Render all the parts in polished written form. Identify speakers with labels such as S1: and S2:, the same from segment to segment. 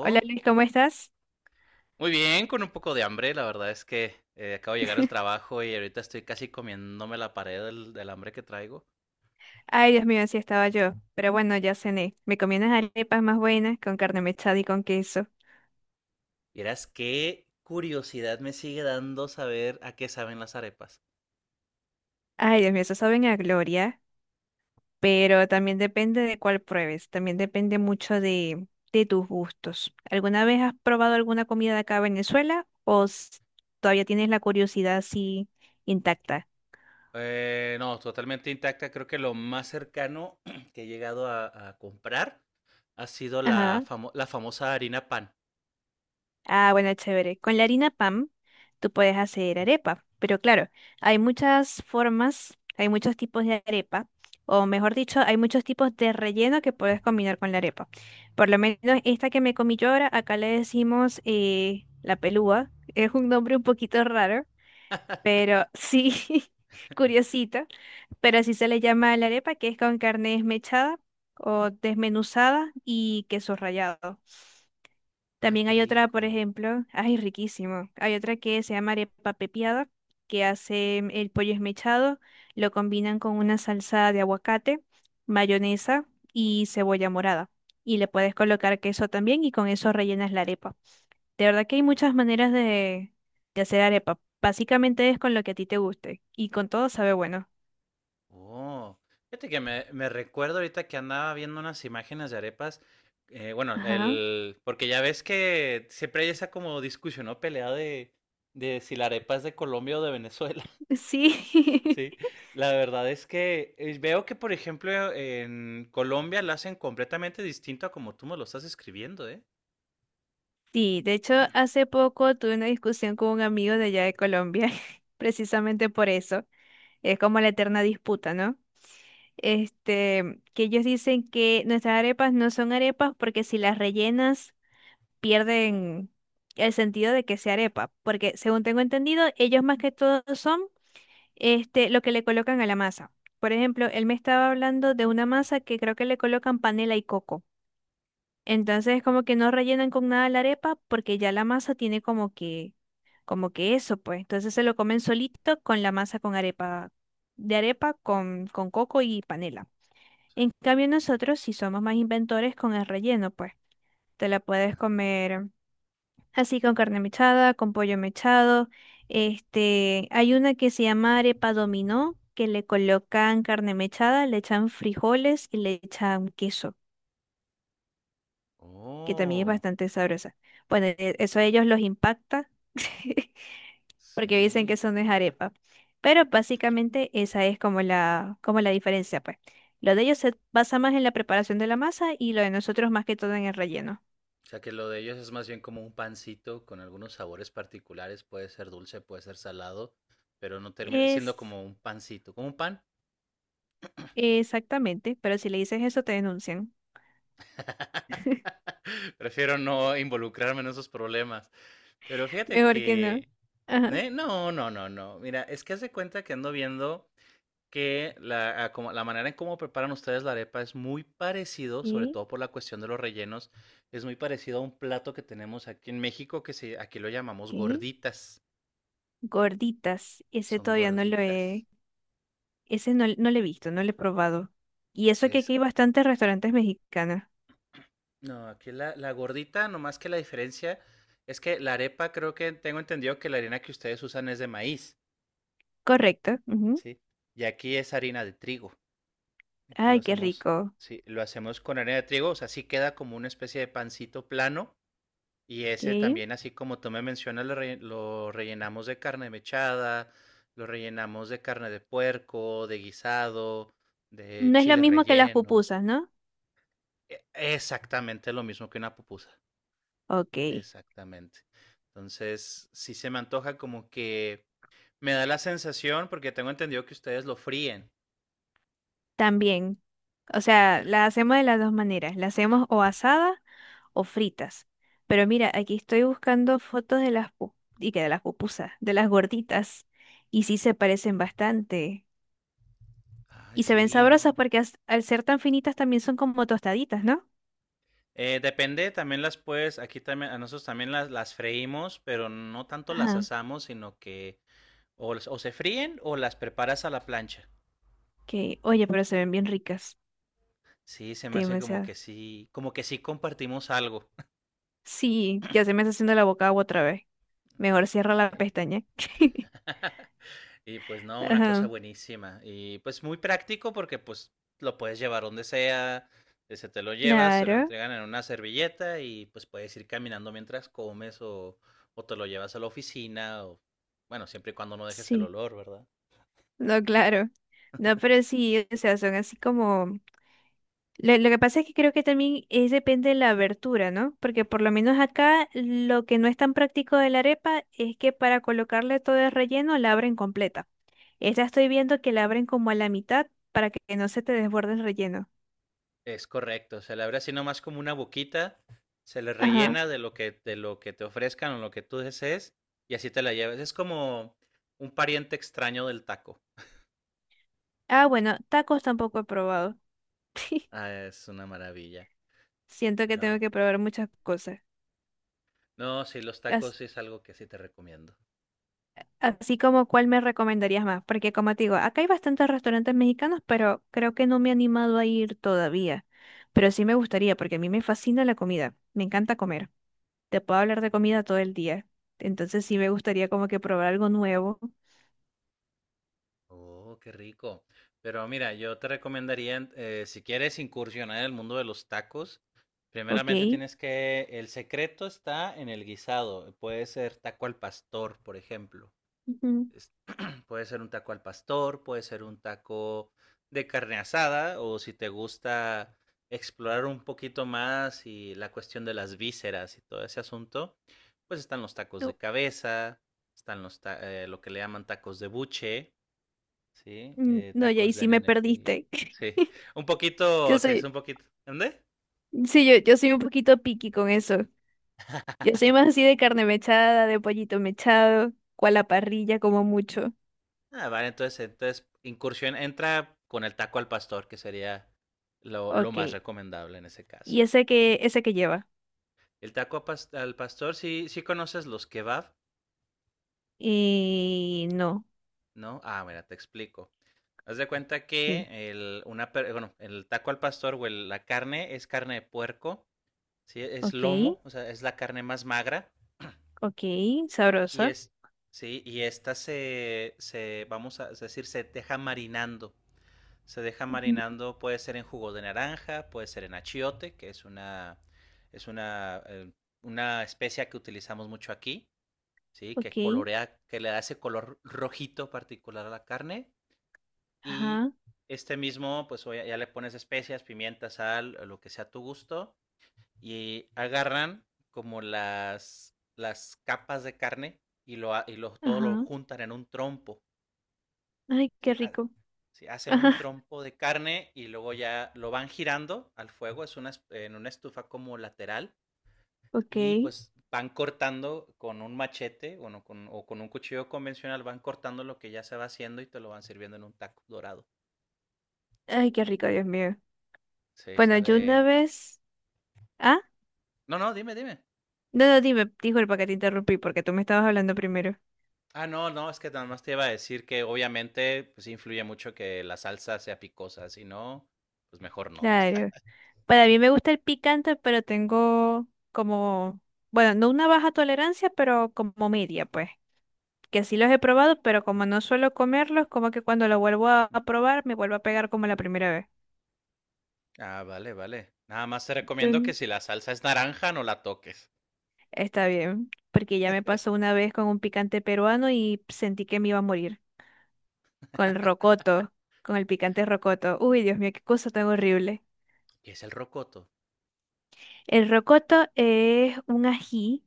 S1: Hola Luis, ¿cómo estás?
S2: Muy bien, con un poco de hambre. La verdad es que acabo de llegar al trabajo y ahorita estoy casi comiéndome la pared del hambre que traigo.
S1: Ay, Dios mío, así estaba yo. Pero bueno, ya cené. Me comí unas arepas más buenas con carne mechada y con queso.
S2: Y verás qué curiosidad me sigue dando saber a qué saben las arepas.
S1: Ay, Dios mío, eso saben a gloria. Pero también depende de cuál pruebes. También depende mucho de tus gustos. ¿Alguna vez has probado alguna comida de acá de Venezuela? ¿O todavía tienes la curiosidad así intacta?
S2: No, totalmente intacta. Creo que lo más cercano que he llegado a comprar ha sido
S1: Ajá.
S2: la famosa harina pan.
S1: Ah, bueno, chévere. Con la harina pan, tú puedes hacer arepa. Pero claro, hay muchas formas, hay muchos tipos de arepa, o mejor dicho, hay muchos tipos de relleno que puedes combinar con la arepa. Por lo menos esta que me comí yo ahora, acá le decimos la pelúa. Es un nombre un poquito raro, pero sí, curiosito. Pero así se le llama a la arepa, que es con carne desmechada o desmenuzada y queso rallado.
S2: Ay,
S1: También
S2: qué
S1: hay otra, por
S2: rico.
S1: ejemplo, ay, riquísimo. Hay otra que se llama arepa pepiada, que hace el pollo esmechado, lo combinan con una salsa de aguacate, mayonesa y cebolla morada. Y le puedes colocar queso también y con eso rellenas la arepa. De verdad que hay muchas maneras de hacer arepa. Básicamente es con lo que a ti te guste y con todo sabe bueno.
S2: Oh, fíjate que me recuerdo ahorita que andaba viendo unas imágenes de arepas. Bueno,
S1: Ajá,
S2: el, porque ya ves que siempre hay esa como discusión o pelea de si la arepa es de Colombia o de Venezuela.
S1: sí.
S2: Sí, la verdad es que veo que, por ejemplo, en Colombia la hacen completamente distinto a como tú me lo estás escribiendo, ¿eh?
S1: Sí, de hecho, hace poco tuve una discusión con un amigo de allá de Colombia, precisamente por eso. Es como la eterna disputa, ¿no? Este, que ellos dicen que nuestras arepas no son arepas porque si las rellenas pierden el sentido de que sea arepa, porque según tengo entendido, ellos más que todo son este lo que le colocan a la masa. Por ejemplo, él me estaba hablando de una masa que creo que le colocan panela y coco. Entonces como que no rellenan con nada la arepa porque ya la masa tiene como que eso, pues. Entonces se lo comen solito con la masa con arepa, de arepa con coco y panela.
S2: O sea,
S1: En cambio nosotros si somos más inventores con el relleno, pues. Te la puedes
S2: ah,
S1: comer así con carne mechada, con pollo mechado. Este, hay una que se llama arepa dominó, que le colocan carne mechada, le echan frijoles y le echan queso,
S2: ah,
S1: que también es
S2: oh,
S1: bastante sabrosa. Bueno, eso a ellos los impacta porque dicen que
S2: sí.
S1: eso no es arepa. Pero básicamente esa es como la diferencia, pues. Lo de ellos se basa más en la preparación de la masa y lo de nosotros más que todo en el relleno.
S2: O sea que lo de ellos es más bien como un pancito con algunos sabores particulares, puede ser dulce, puede ser salado, pero no termina siendo
S1: Es
S2: como un pancito, como un pan.
S1: exactamente, pero si le dices eso te denuncian.
S2: Prefiero no involucrarme en esos problemas. Pero fíjate
S1: Mejor que no.
S2: que...
S1: Ajá.
S2: ¿eh? No, no, no, no. Mira, es que hace cuenta que ando viendo que la, a como- la manera en cómo preparan ustedes la arepa es muy parecido, sobre
S1: ¿Y
S2: todo por la cuestión de los rellenos, es muy parecido a un plato que tenemos aquí en México que se, aquí lo llamamos
S1: qué?
S2: gorditas.
S1: Gorditas. Ese
S2: Son
S1: todavía no lo he,
S2: gorditas.
S1: ese no lo he visto, no lo he probado. Y eso que
S2: Es,
S1: aquí hay bastantes restaurantes mexicanos.
S2: no, aquí la gordita, nomás que la diferencia es que la arepa creo que tengo entendido que la harina que ustedes usan es de maíz,
S1: Correcto. Ujú.
S2: ¿sí? Y aquí es harina de trigo. Aquí lo
S1: Ay, qué
S2: hacemos,
S1: rico.
S2: sí, lo hacemos con harina de trigo, o sea, sí queda como una especie de pancito plano. Y
S1: Ok.
S2: ese también, así como tú me mencionas, lo rellenamos de carne mechada, lo rellenamos de carne de puerco, de guisado, de
S1: No es lo
S2: chile
S1: mismo que las
S2: relleno.
S1: pupusas, ¿no?
S2: Exactamente lo mismo que una pupusa.
S1: Ok.
S2: Exactamente. Entonces, sí se me antoja como que me da la sensación, porque tengo entendido que ustedes lo fríen.
S1: También. O
S2: Ay, qué
S1: sea, las hacemos
S2: rico.
S1: de las dos maneras. Las hacemos o asadas o fritas. Pero mira, aquí estoy buscando fotos de las y que de las pupusas, de las gorditas. Y sí se parecen bastante.
S2: Ay,
S1: Y se ven
S2: sí,
S1: sabrosas
S2: ¿no?
S1: porque al ser tan finitas también son como tostaditas, ¿no?
S2: Depende, también las puedes, aquí también, a nosotros también las freímos, pero no tanto las
S1: Ajá.
S2: asamos, sino que o, las- o se fríen o las preparas a la plancha.
S1: Ok. Oye, pero se ven bien ricas.
S2: Sí, se me hace
S1: Demasiado.
S2: como que sí compartimos algo.
S1: Sí, ya se me está haciendo la boca agua otra vez. Mejor cierra la pestaña.
S2: Sí. Y pues no, una cosa
S1: Ajá,
S2: buenísima. Y pues muy práctico porque pues lo puedes llevar donde sea, se te lo llevas, te lo
S1: claro,
S2: entregan en una servilleta y pues puedes ir caminando mientras comes o te lo llevas a la oficina o bueno, siempre y cuando no dejes el
S1: sí.
S2: olor, ¿verdad?
S1: No, claro. No, pero sí, o sea, son así como. Lo que pasa es que creo que también es depende de la abertura, ¿no? Porque por lo menos acá lo que no es tan práctico de la arepa es que para colocarle todo el relleno la abren completa. Esta estoy viendo que la abren como a la mitad para que no se te desborde el relleno.
S2: Es correcto, se le abre así nomás como una boquita, se le
S1: Ajá.
S2: rellena de lo que te ofrezcan o lo que tú desees y así te la llevas. Es como un pariente extraño del taco.
S1: Ah, bueno, tacos tampoco he probado.
S2: Ah, es una maravilla.
S1: Siento que tengo
S2: Pero
S1: que probar muchas cosas.
S2: no, sí, los tacos es algo que sí te recomiendo.
S1: Así como cuál me recomendarías más, porque como te digo, acá hay bastantes restaurantes mexicanos, pero creo que no me he animado a ir todavía. Pero sí me gustaría, porque a mí me fascina la comida, me encanta comer. Te puedo hablar de
S2: Mm.
S1: comida todo el día. Entonces sí me gustaría como que probar algo nuevo,
S2: Oh, qué rico. Pero mira, yo te recomendaría, si quieres incursionar en el mundo de los tacos,
S1: ¿ok?
S2: primeramente tienes que, el secreto está en el guisado. Puede ser taco al pastor, por ejemplo.
S1: Ujú.
S2: Puede ser un taco al pastor, puede ser un taco de carne asada, o si te gusta explorar un poquito más y la cuestión de las vísceras y todo ese asunto, pues están los tacos de
S1: Tú-
S2: cabeza, están lo que le llaman tacos de buche, ¿sí?
S1: No, y ahí
S2: Tacos de
S1: sí me
S2: nene. Pi-
S1: perdiste.
S2: Sí, un poquito,
S1: Yo
S2: sí, es
S1: soy,
S2: un poquito. ¿Dónde?
S1: sí, yo soy un poquito picky con eso. Yo soy más así de carne mechada, de pollito mechado, cual a la parrilla como mucho.
S2: Ah, vale, entonces, entonces incursión entra con el taco al pastor, que sería lo más
S1: Ok.
S2: recomendable en ese caso.
S1: ¿Y ese que lleva?
S2: El taco a pas- al pastor, sí, sí conoces los kebab,
S1: No,
S2: ¿no? Ah, mira, te explico. Haz de cuenta
S1: ok,
S2: que el, una, per- bueno, el taco al pastor o el- la carne es carne de puerco, ¿sí? Es
S1: ok,
S2: lomo, o sea, es la carne más magra
S1: ok,
S2: y
S1: sabrosa.
S2: es, sí, y esta vamos a decir, se deja marinando. Se deja
S1: Ujú.
S2: marinando, puede ser en jugo de naranja, puede ser en achiote, que es una especia que utilizamos mucho aquí. ¿Sí?
S1: Ok,
S2: Que colorea, que le da ese color rojito particular a la carne y
S1: ajá,
S2: este mismo, pues ya le pones especias, pimienta, sal, lo que sea a tu gusto y agarran como las capas de carne y todo lo
S1: ajá.
S2: juntan en un trompo,
S1: Ay, qué
S2: ¿sí? Ah,
S1: rico.
S2: sí, hacen un
S1: Ajá,
S2: trompo de carne y luego ya lo van girando al fuego, es una, en una estufa como lateral
S1: ok.
S2: y pues van cortando con un machete o, no, con, o con un cuchillo convencional, van cortando lo que ya se va haciendo y te lo van sirviendo en un taco dorado.
S1: Ay, qué rico, Dios mío.
S2: Sí,
S1: Bueno, yo una
S2: sale...
S1: vez. Ah,
S2: No, no, dime, dime.
S1: no, no, dime, disculpa que te interrumpí porque tú me estabas hablando primero.
S2: Ah, no, no, es que nada más te iba a decir que obviamente pues influye mucho que la salsa sea picosa, si no, pues mejor no.
S1: Claro. Para mí me gusta el picante, pero tengo como. Bueno, no una baja tolerancia, pero como media, pues. Que sí los he probado, pero como no suelo comerlos, como que cuando lo vuelvo a probar, me vuelvo a pegar como la primera vez.
S2: Ah, vale, vale. Nada más te recomiendo que
S1: Tun.
S2: si la salsa es naranja no la toques.
S1: Está bien, porque ya me pasó una vez con un picante peruano y sentí que me iba a morir. Con el rocoto, con el picante rocoto. Uy, Dios mío, qué cosa tan horrible.
S2: ¿Qué es el rocoto?
S1: El rocoto es un ají,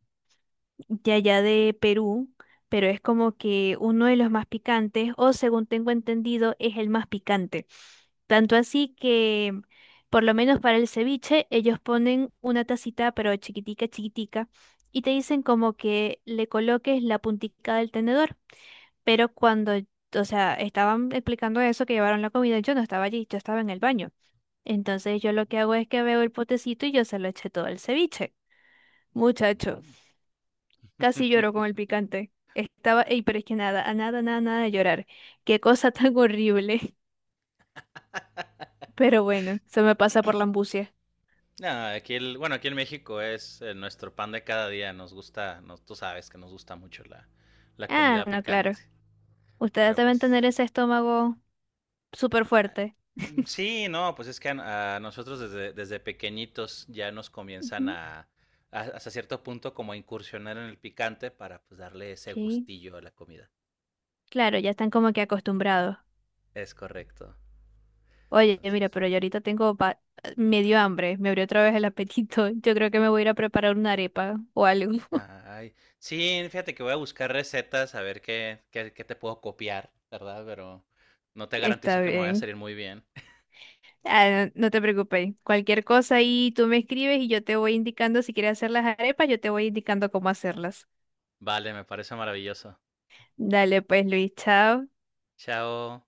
S1: de allá de Perú, pero es como que uno de los más picantes, o según tengo entendido, es el más picante. Tanto así que, por lo menos para el ceviche, ellos ponen una tacita, pero chiquitica, chiquitica, y te dicen como que le coloques la puntica del tenedor. Pero cuando, o sea, estaban explicando eso, que llevaron la comida, yo no estaba allí, yo estaba en el baño. Entonces yo lo que hago es que veo el potecito y yo se lo eché todo el ceviche. Muchacho.
S2: Mm.
S1: Casi lloro con el picante. Estaba, ey, pero es que nada, a nada, nada, nada de llorar. Qué cosa tan horrible. Pero bueno, se me pasa por la ambucia.
S2: No, aquí el, bueno, aquí en México es nuestro pan de cada día. Nos gusta, nos, tú sabes que nos gusta mucho la
S1: Ah,
S2: comida
S1: no, claro.
S2: picante.
S1: Ustedes
S2: Pero
S1: deben
S2: pues.
S1: tener ese estómago súper
S2: Ah,
S1: fuerte.
S2: mm, sí, no, pues es que a nosotros desde pequeñitos ya nos comienzan
S1: Ujú.
S2: a- hasta cierto punto como a incursionar en el picante para pues darle ese
S1: Ok.
S2: gustillo a la comida.
S1: Claro, ya están como que acostumbrados.
S2: Es correcto.
S1: Oye, mira,
S2: Entonces,
S1: pero yo ahorita tengo medio hambre. Me abrió otra vez el apetito. Yo creo que me voy a ir a preparar una arepa o algo.
S2: ay, sí, fíjate que voy a buscar recetas a ver qué, qué, qué te puedo copiar, ¿verdad? Pero no te garantizo
S1: Está
S2: que me vaya a
S1: bien.
S2: salir muy bien.
S1: Ah, no te preocupes, cualquier cosa ahí tú me escribes y yo te voy indicando si quieres hacer las arepas, yo te voy indicando cómo hacerlas.
S2: Vale, me parece maravilloso.
S1: Dale pues, Luis, chao.
S2: Chao.